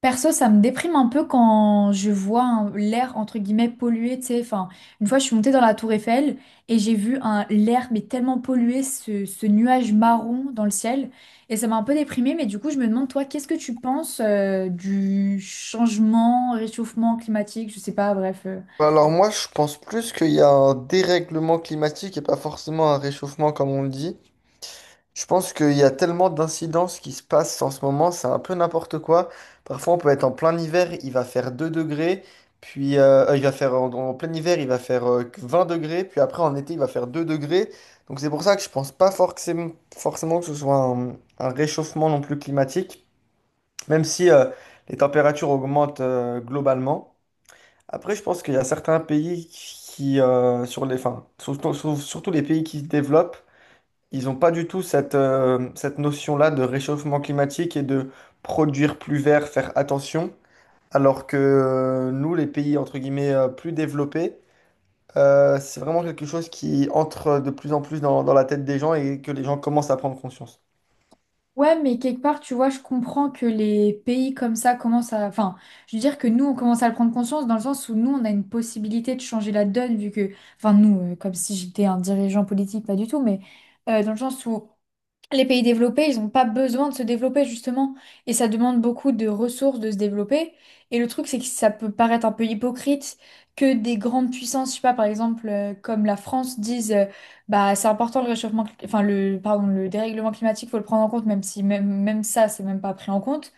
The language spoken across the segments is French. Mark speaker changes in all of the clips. Speaker 1: Perso, ça me déprime un peu quand je vois l'air entre guillemets pollué, tu sais. Enfin, une fois, je suis montée dans la tour Eiffel et j'ai vu un l'air mais tellement pollué, ce nuage marron dans le ciel. Et ça m'a un peu déprimée, mais du coup, je me demande, toi, qu'est-ce que tu penses du changement, réchauffement climatique, je sais pas, bref.
Speaker 2: Alors moi, je pense plus qu'il y a un dérèglement climatique et pas forcément un réchauffement comme on le dit. Je pense qu'il y a tellement d'incidences qui se passent en ce moment, c'est un peu n'importe quoi. Parfois, on peut être en plein hiver, il va faire 2 degrés, puis il va faire en plein hiver, il va faire que 20 degrés, puis après en été, il va faire 2 degrés. Donc c'est pour ça que je pense pas forcément que ce soit un réchauffement non plus climatique, même si les températures augmentent globalement. Après, je pense qu'il y a certains pays qui, sur les, enfin, surtout, surtout les pays qui se développent, ils n'ont pas du tout cette, cette notion-là de réchauffement climatique et de produire plus vert, faire attention. Alors que nous, les pays, entre guillemets, plus développés, c'est vraiment quelque chose qui entre de plus en plus dans la tête des gens et que les gens commencent à prendre conscience.
Speaker 1: Ouais, mais quelque part, tu vois, je comprends que les pays comme ça commencent à... Enfin, je veux dire que nous, on commence à le prendre conscience dans le sens où nous, on a une possibilité de changer la donne, vu que... Enfin, nous, comme si j'étais un dirigeant politique, pas du tout, mais dans le sens où... Les pays développés, ils n'ont pas besoin de se développer justement, et ça demande beaucoup de ressources de se développer. Et le truc, c'est que ça peut paraître un peu hypocrite que des grandes puissances, je sais pas, par exemple, comme la France, disent, bah c'est important le réchauffement, enfin le, pardon, le dérèglement climatique, faut le prendre en compte, même si même ça, c'est même pas pris en compte.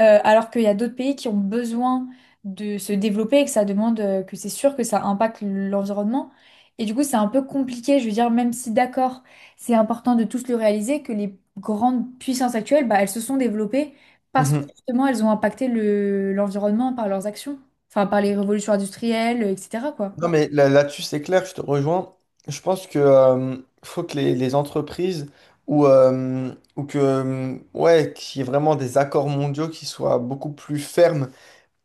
Speaker 1: Alors qu'il y a d'autres pays qui ont besoin de se développer et que ça demande, que c'est sûr que ça impacte l'environnement. Et du coup, c'est un peu compliqué, je veux dire, même si d'accord, c'est important de tous le réaliser, que les grandes puissances actuelles, bah, elles se sont développées parce que
Speaker 2: Mhm.
Speaker 1: justement, elles ont impacté l'environnement par leurs actions, enfin par les révolutions industrielles, etc., quoi.
Speaker 2: Non, mais là-dessus, c'est clair, je te rejoins. Je pense que faut que les entreprises ou que ouais, qu'il y ait vraiment des accords mondiaux qui soient beaucoup plus fermes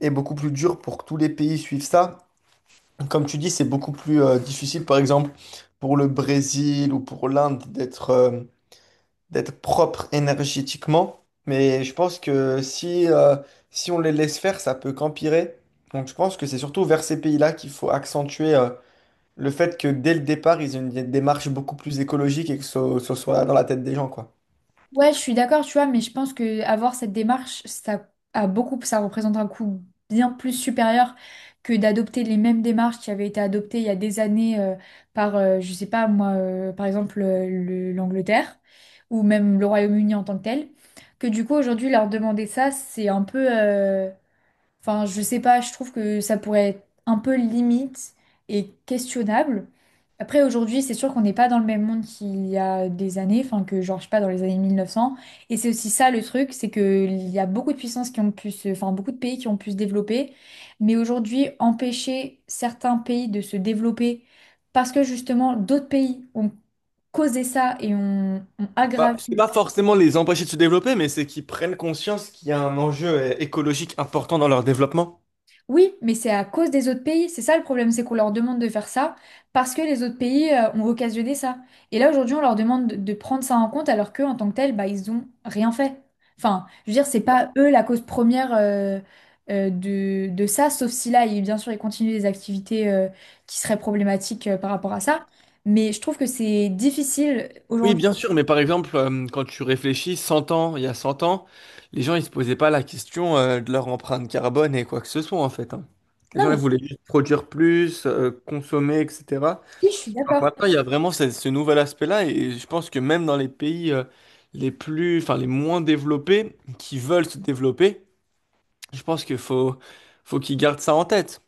Speaker 2: et beaucoup plus durs pour que tous les pays suivent ça. Comme tu dis, c'est beaucoup plus difficile, par exemple, pour le Brésil ou pour l'Inde d'être propre énergétiquement. Mais je pense que si on les laisse faire, ça peut qu'empirer. Donc je pense que c'est surtout vers ces pays-là qu'il faut accentuer. Le fait que dès le départ, ils aient une démarche beaucoup plus écologique et que ce soit dans la tête des gens, quoi.
Speaker 1: Ouais, je suis d'accord, tu vois, mais je pense que avoir cette démarche, ça a beaucoup, ça représente un coût bien plus supérieur que d'adopter les mêmes démarches qui avaient été adoptées il y a des années, par, je sais pas moi, par exemple l'Angleterre ou même le Royaume-Uni en tant que tel. Que du coup aujourd'hui leur demander ça, c'est un peu, enfin, je sais pas, je trouve que ça pourrait être un peu limite et questionnable. Après, aujourd'hui, c'est sûr qu'on n'est pas dans le même monde qu'il y a des années, enfin que genre, je sais pas, dans les années 1900. Et c'est aussi ça le truc, c'est qu'il y a beaucoup de puissances qui ont pu se... enfin beaucoup de pays qui ont pu se développer. Mais aujourd'hui, empêcher certains pays de se développer parce que justement, d'autres pays ont causé ça et ont
Speaker 2: Bah,
Speaker 1: aggravé.
Speaker 2: c'est pas forcément les empêcher de se développer, mais c'est qu'ils prennent conscience qu'il y a un enjeu écologique important dans leur développement.
Speaker 1: Oui, mais c'est à cause des autres pays. C'est ça le problème, c'est qu'on leur demande de faire ça parce que les autres pays ont occasionné ça. Et là, aujourd'hui, on leur demande de prendre ça en compte alors qu'eux, en tant que tel, bah, ils ont rien fait. Enfin, je veux dire, c'est pas eux la cause première de ça, sauf si là, bien sûr, ils continuent des activités qui seraient problématiques par rapport à ça. Mais je trouve que c'est difficile
Speaker 2: Oui,
Speaker 1: aujourd'hui.
Speaker 2: bien sûr, mais par exemple, quand tu réfléchis 100 ans, il y a 100 ans, les gens ils se posaient pas la question de leur empreinte carbone et quoi que ce soit en fait. Hein. Les
Speaker 1: Non,
Speaker 2: gens ils
Speaker 1: mais
Speaker 2: voulaient juste produire plus, consommer, etc.
Speaker 1: oui, je suis d'accord.
Speaker 2: Maintenant, il y a vraiment ce nouvel aspect-là, et je pense que même dans les pays les plus, enfin les moins développés, qui veulent se développer, je pense qu'il faut qu'ils gardent ça en tête.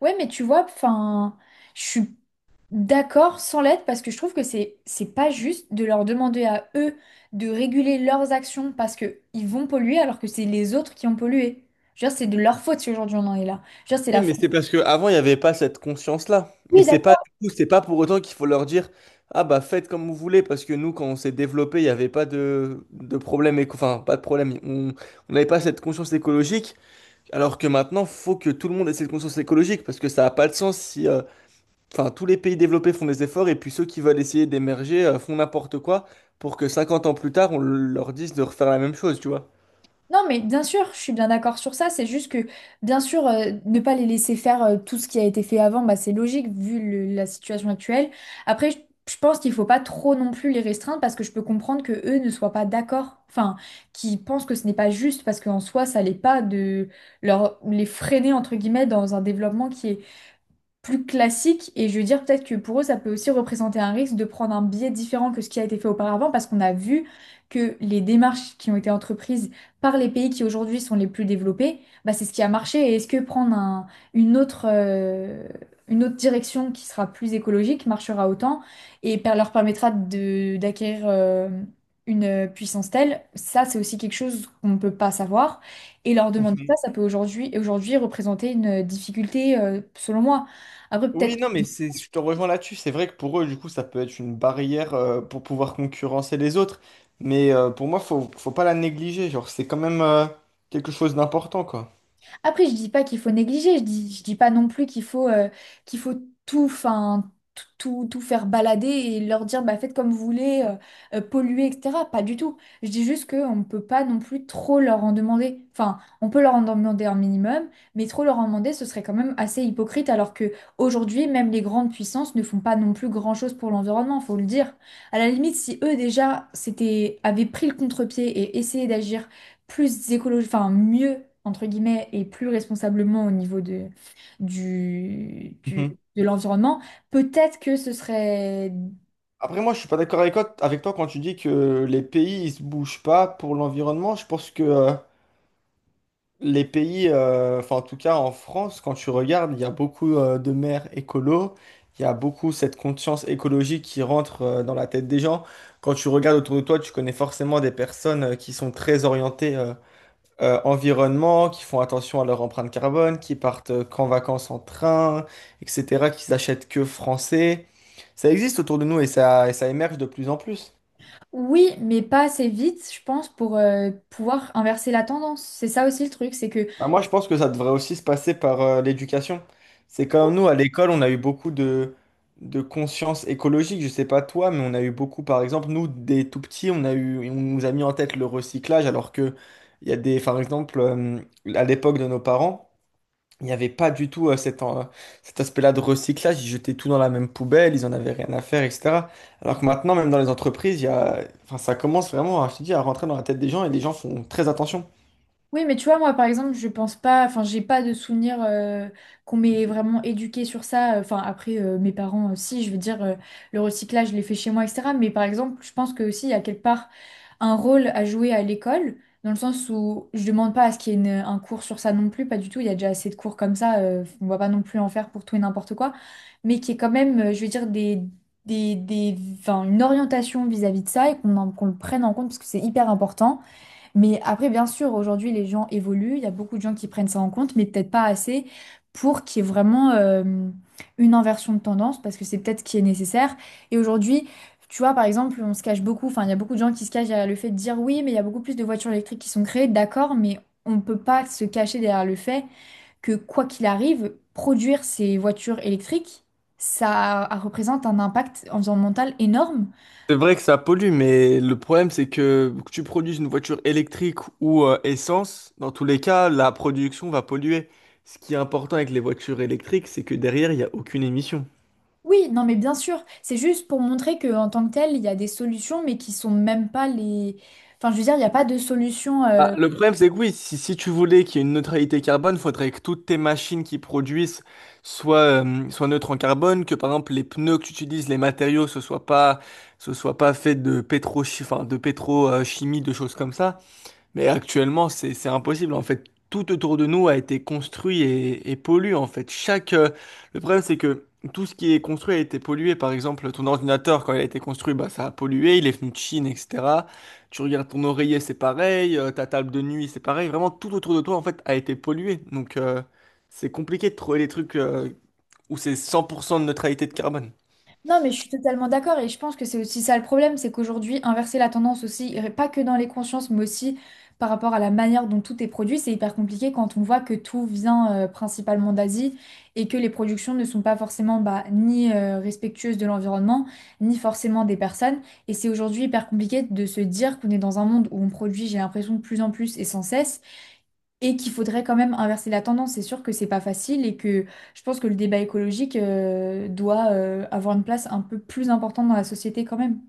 Speaker 1: Ouais, mais tu vois, enfin, je suis d'accord sans l'aide parce que je trouve que c'est pas juste de leur demander à eux de réguler leurs actions parce que ils vont polluer alors que c'est les autres qui ont pollué. Je veux dire, c'est de leur faute si aujourd'hui on en est là. Je veux dire, c'est
Speaker 2: Oui,
Speaker 1: la
Speaker 2: mais
Speaker 1: faute.
Speaker 2: c'est parce qu'avant, il n'y avait pas cette conscience-là. Et c'est pas, du coup, c'est pas pour autant qu'il faut leur dire, ah bah faites comme vous voulez, parce que nous, quand on s'est développé, il n'y avait pas de problème, enfin pas de problème, on n'avait pas cette conscience écologique, alors que maintenant, faut que tout le monde ait cette conscience écologique, parce que ça n'a pas de sens si... enfin, tous les pays développés font des efforts et puis ceux qui veulent essayer d'émerger font n'importe quoi pour que 50 ans plus tard, on leur dise de refaire la même chose, tu vois.
Speaker 1: Non, mais bien sûr, je suis bien d'accord sur ça. C'est juste que, bien sûr, ne pas les laisser faire tout ce qui a été fait avant, bah, c'est logique vu la situation actuelle. Après, je pense qu'il faut pas trop non plus les restreindre parce que je peux comprendre que eux ne soient pas d'accord, enfin, qu'ils pensent que ce n'est pas juste parce qu'en soi, ça l'est pas de leur les freiner entre guillemets dans un développement qui est plus classique et je veux dire peut-être que pour eux ça peut aussi représenter un risque de prendre un biais différent que ce qui a été fait auparavant parce qu'on a vu que les démarches qui ont été entreprises par les pays qui aujourd'hui sont les plus développés, bah c'est ce qui a marché et est-ce que prendre une autre, euh, une autre direction qui sera plus écologique marchera autant et leur permettra d'acquérir une puissance telle, ça c'est aussi quelque chose qu'on ne peut pas savoir et leur demander ça,
Speaker 2: Mhm.
Speaker 1: ça peut aujourd'hui représenter une difficulté selon moi. Après,
Speaker 2: Oui,
Speaker 1: peut-être.
Speaker 2: non, mais c'est, je te rejoins là-dessus. C'est vrai que pour eux, du coup, ça peut être une barrière pour pouvoir concurrencer les autres. Mais pour moi, faut pas la négliger. Genre, c'est quand même quelque chose d'important, quoi.
Speaker 1: Après, je dis pas qu'il faut négliger, je dis pas non plus qu'il faut tout, enfin, tout faire balader et leur dire, bah, faites comme vous voulez, polluer, etc. Pas du tout. Je dis juste qu'on ne peut pas non plus trop leur en demander. Enfin, on peut leur en demander un minimum, mais trop leur en demander, ce serait quand même assez hypocrite, alors que aujourd'hui, même les grandes puissances ne font pas non plus grand-chose pour l'environnement, faut le dire. À la limite, si eux déjà s'étaient, avaient pris le contre-pied et essayé d'agir plus écologique, enfin mieux, entre guillemets, et plus responsablement au niveau du, du-
Speaker 2: Mhm.
Speaker 1: de l'environnement, peut-être que ce serait
Speaker 2: Après, moi, je suis pas d'accord avec toi quand tu dis que les pays, ils se bougent pas pour l'environnement. Je pense que les pays, enfin en tout cas en France, quand tu regardes, il y a beaucoup de maires écolos, il y a beaucoup cette conscience écologique qui rentre dans la tête des gens. Quand tu regardes autour de toi, tu connais forcément des personnes qui sont très orientées environnement, qui font attention à leur empreinte carbone, qui partent qu'en vacances en train, etc., qui s'achètent que français. Ça existe autour de nous et ça émerge de plus en plus.
Speaker 1: oui, mais pas assez vite, je pense, pour pouvoir inverser la tendance. C'est ça aussi le truc, c'est que
Speaker 2: Bah, moi, je pense que ça devrait aussi se passer par l'éducation. C'est comme nous, à l'école, on a eu beaucoup de conscience écologique. Je sais pas toi, mais on a eu beaucoup, par exemple, nous, des tout petits, on a eu, on nous a mis en tête le recyclage, alors que il y a des, par exemple, à l'époque de nos parents, il n'y avait pas du tout cet aspect-là de recyclage. Ils jetaient tout dans la même poubelle, ils en avaient rien à faire, etc. Alors que maintenant, même dans les entreprises, il y a, enfin, ça commence vraiment, je te dis, à rentrer dans la tête des gens et les gens font très attention.
Speaker 1: oui, mais tu vois, moi, par exemple, je pense pas, enfin, j'ai pas de souvenir qu'on m'ait vraiment éduqué sur ça. Enfin, après, mes parents aussi, je veux dire, le recyclage, je l'ai fait chez moi, etc. Mais par exemple, je pense que aussi, à quelque part un rôle à jouer à l'école, dans le sens où je demande pas à ce qu'il y ait un cours sur ça non plus, pas du tout, il y a déjà assez de cours comme ça, on va pas non plus en faire pour tout et n'importe quoi, mais qui est quand même, je veux dire, des, enfin, une orientation vis-à-vis de ça et qu'on le prenne en compte parce que c'est hyper important. Mais après, bien sûr, aujourd'hui, les gens évoluent, il y a beaucoup de gens qui prennent ça en compte, mais peut-être pas assez pour qu'il y ait vraiment une inversion de tendance, parce que c'est peut-être ce qui est nécessaire. Et aujourd'hui, tu vois, par exemple, on se cache beaucoup, enfin, il y a beaucoup de gens qui se cachent derrière le fait de dire oui, mais il y a beaucoup plus de voitures électriques qui sont créées, d'accord, mais on ne peut pas se cacher derrière le fait que, quoi qu'il arrive, produire ces voitures électriques, ça représente un impact environnemental énorme.
Speaker 2: C'est vrai que ça pollue, mais le problème, c'est que tu produises une voiture électrique ou essence, dans tous les cas, la production va polluer. Ce qui est important avec les voitures électriques, c'est que derrière, il n'y a aucune émission.
Speaker 1: Oui, non, mais bien sûr, c'est juste pour montrer que en tant que tel, il y a des solutions, mais qui sont même pas les. Enfin, je veux dire, il n'y a pas de solution
Speaker 2: Bah,
Speaker 1: euh,
Speaker 2: le problème, c'est que oui, si tu voulais qu'il y ait une neutralité carbone, il faudrait que toutes tes machines qui produisent soient neutres en carbone, que par exemple les pneus que tu utilises, les matériaux, ce soit pas fait de pétro, enfin, de pétrochimie, de choses comme ça. Mais actuellement, c'est impossible. En fait, tout autour de nous a été construit et pollué. En fait, chaque le problème, c'est que tout ce qui est construit a été pollué. Par exemple, ton ordinateur, quand il a été construit, bah, ça a pollué. Il est venu de Chine, etc. Tu regardes ton oreiller, c'est pareil. Ta table de nuit, c'est pareil. Vraiment, tout autour de toi, en fait, a été pollué. Donc, c'est compliqué de trouver des trucs où c'est 100% de neutralité de carbone.
Speaker 1: Non, mais je suis totalement d'accord et je pense que c'est aussi ça le problème, c'est qu'aujourd'hui, inverser la tendance aussi, et pas que dans les consciences, mais aussi par rapport à la manière dont tout est produit, c'est hyper compliqué quand on voit que tout vient principalement d'Asie et que les productions ne sont pas forcément bah, ni respectueuses de l'environnement, ni forcément des personnes. Et c'est aujourd'hui hyper compliqué de se dire qu'on est dans un monde où on produit, j'ai l'impression, de plus en plus et sans cesse et qu'il faudrait quand même inverser la tendance. C'est sûr que c'est pas facile et que je pense que le débat écologique doit avoir une place un peu plus importante dans la société quand même.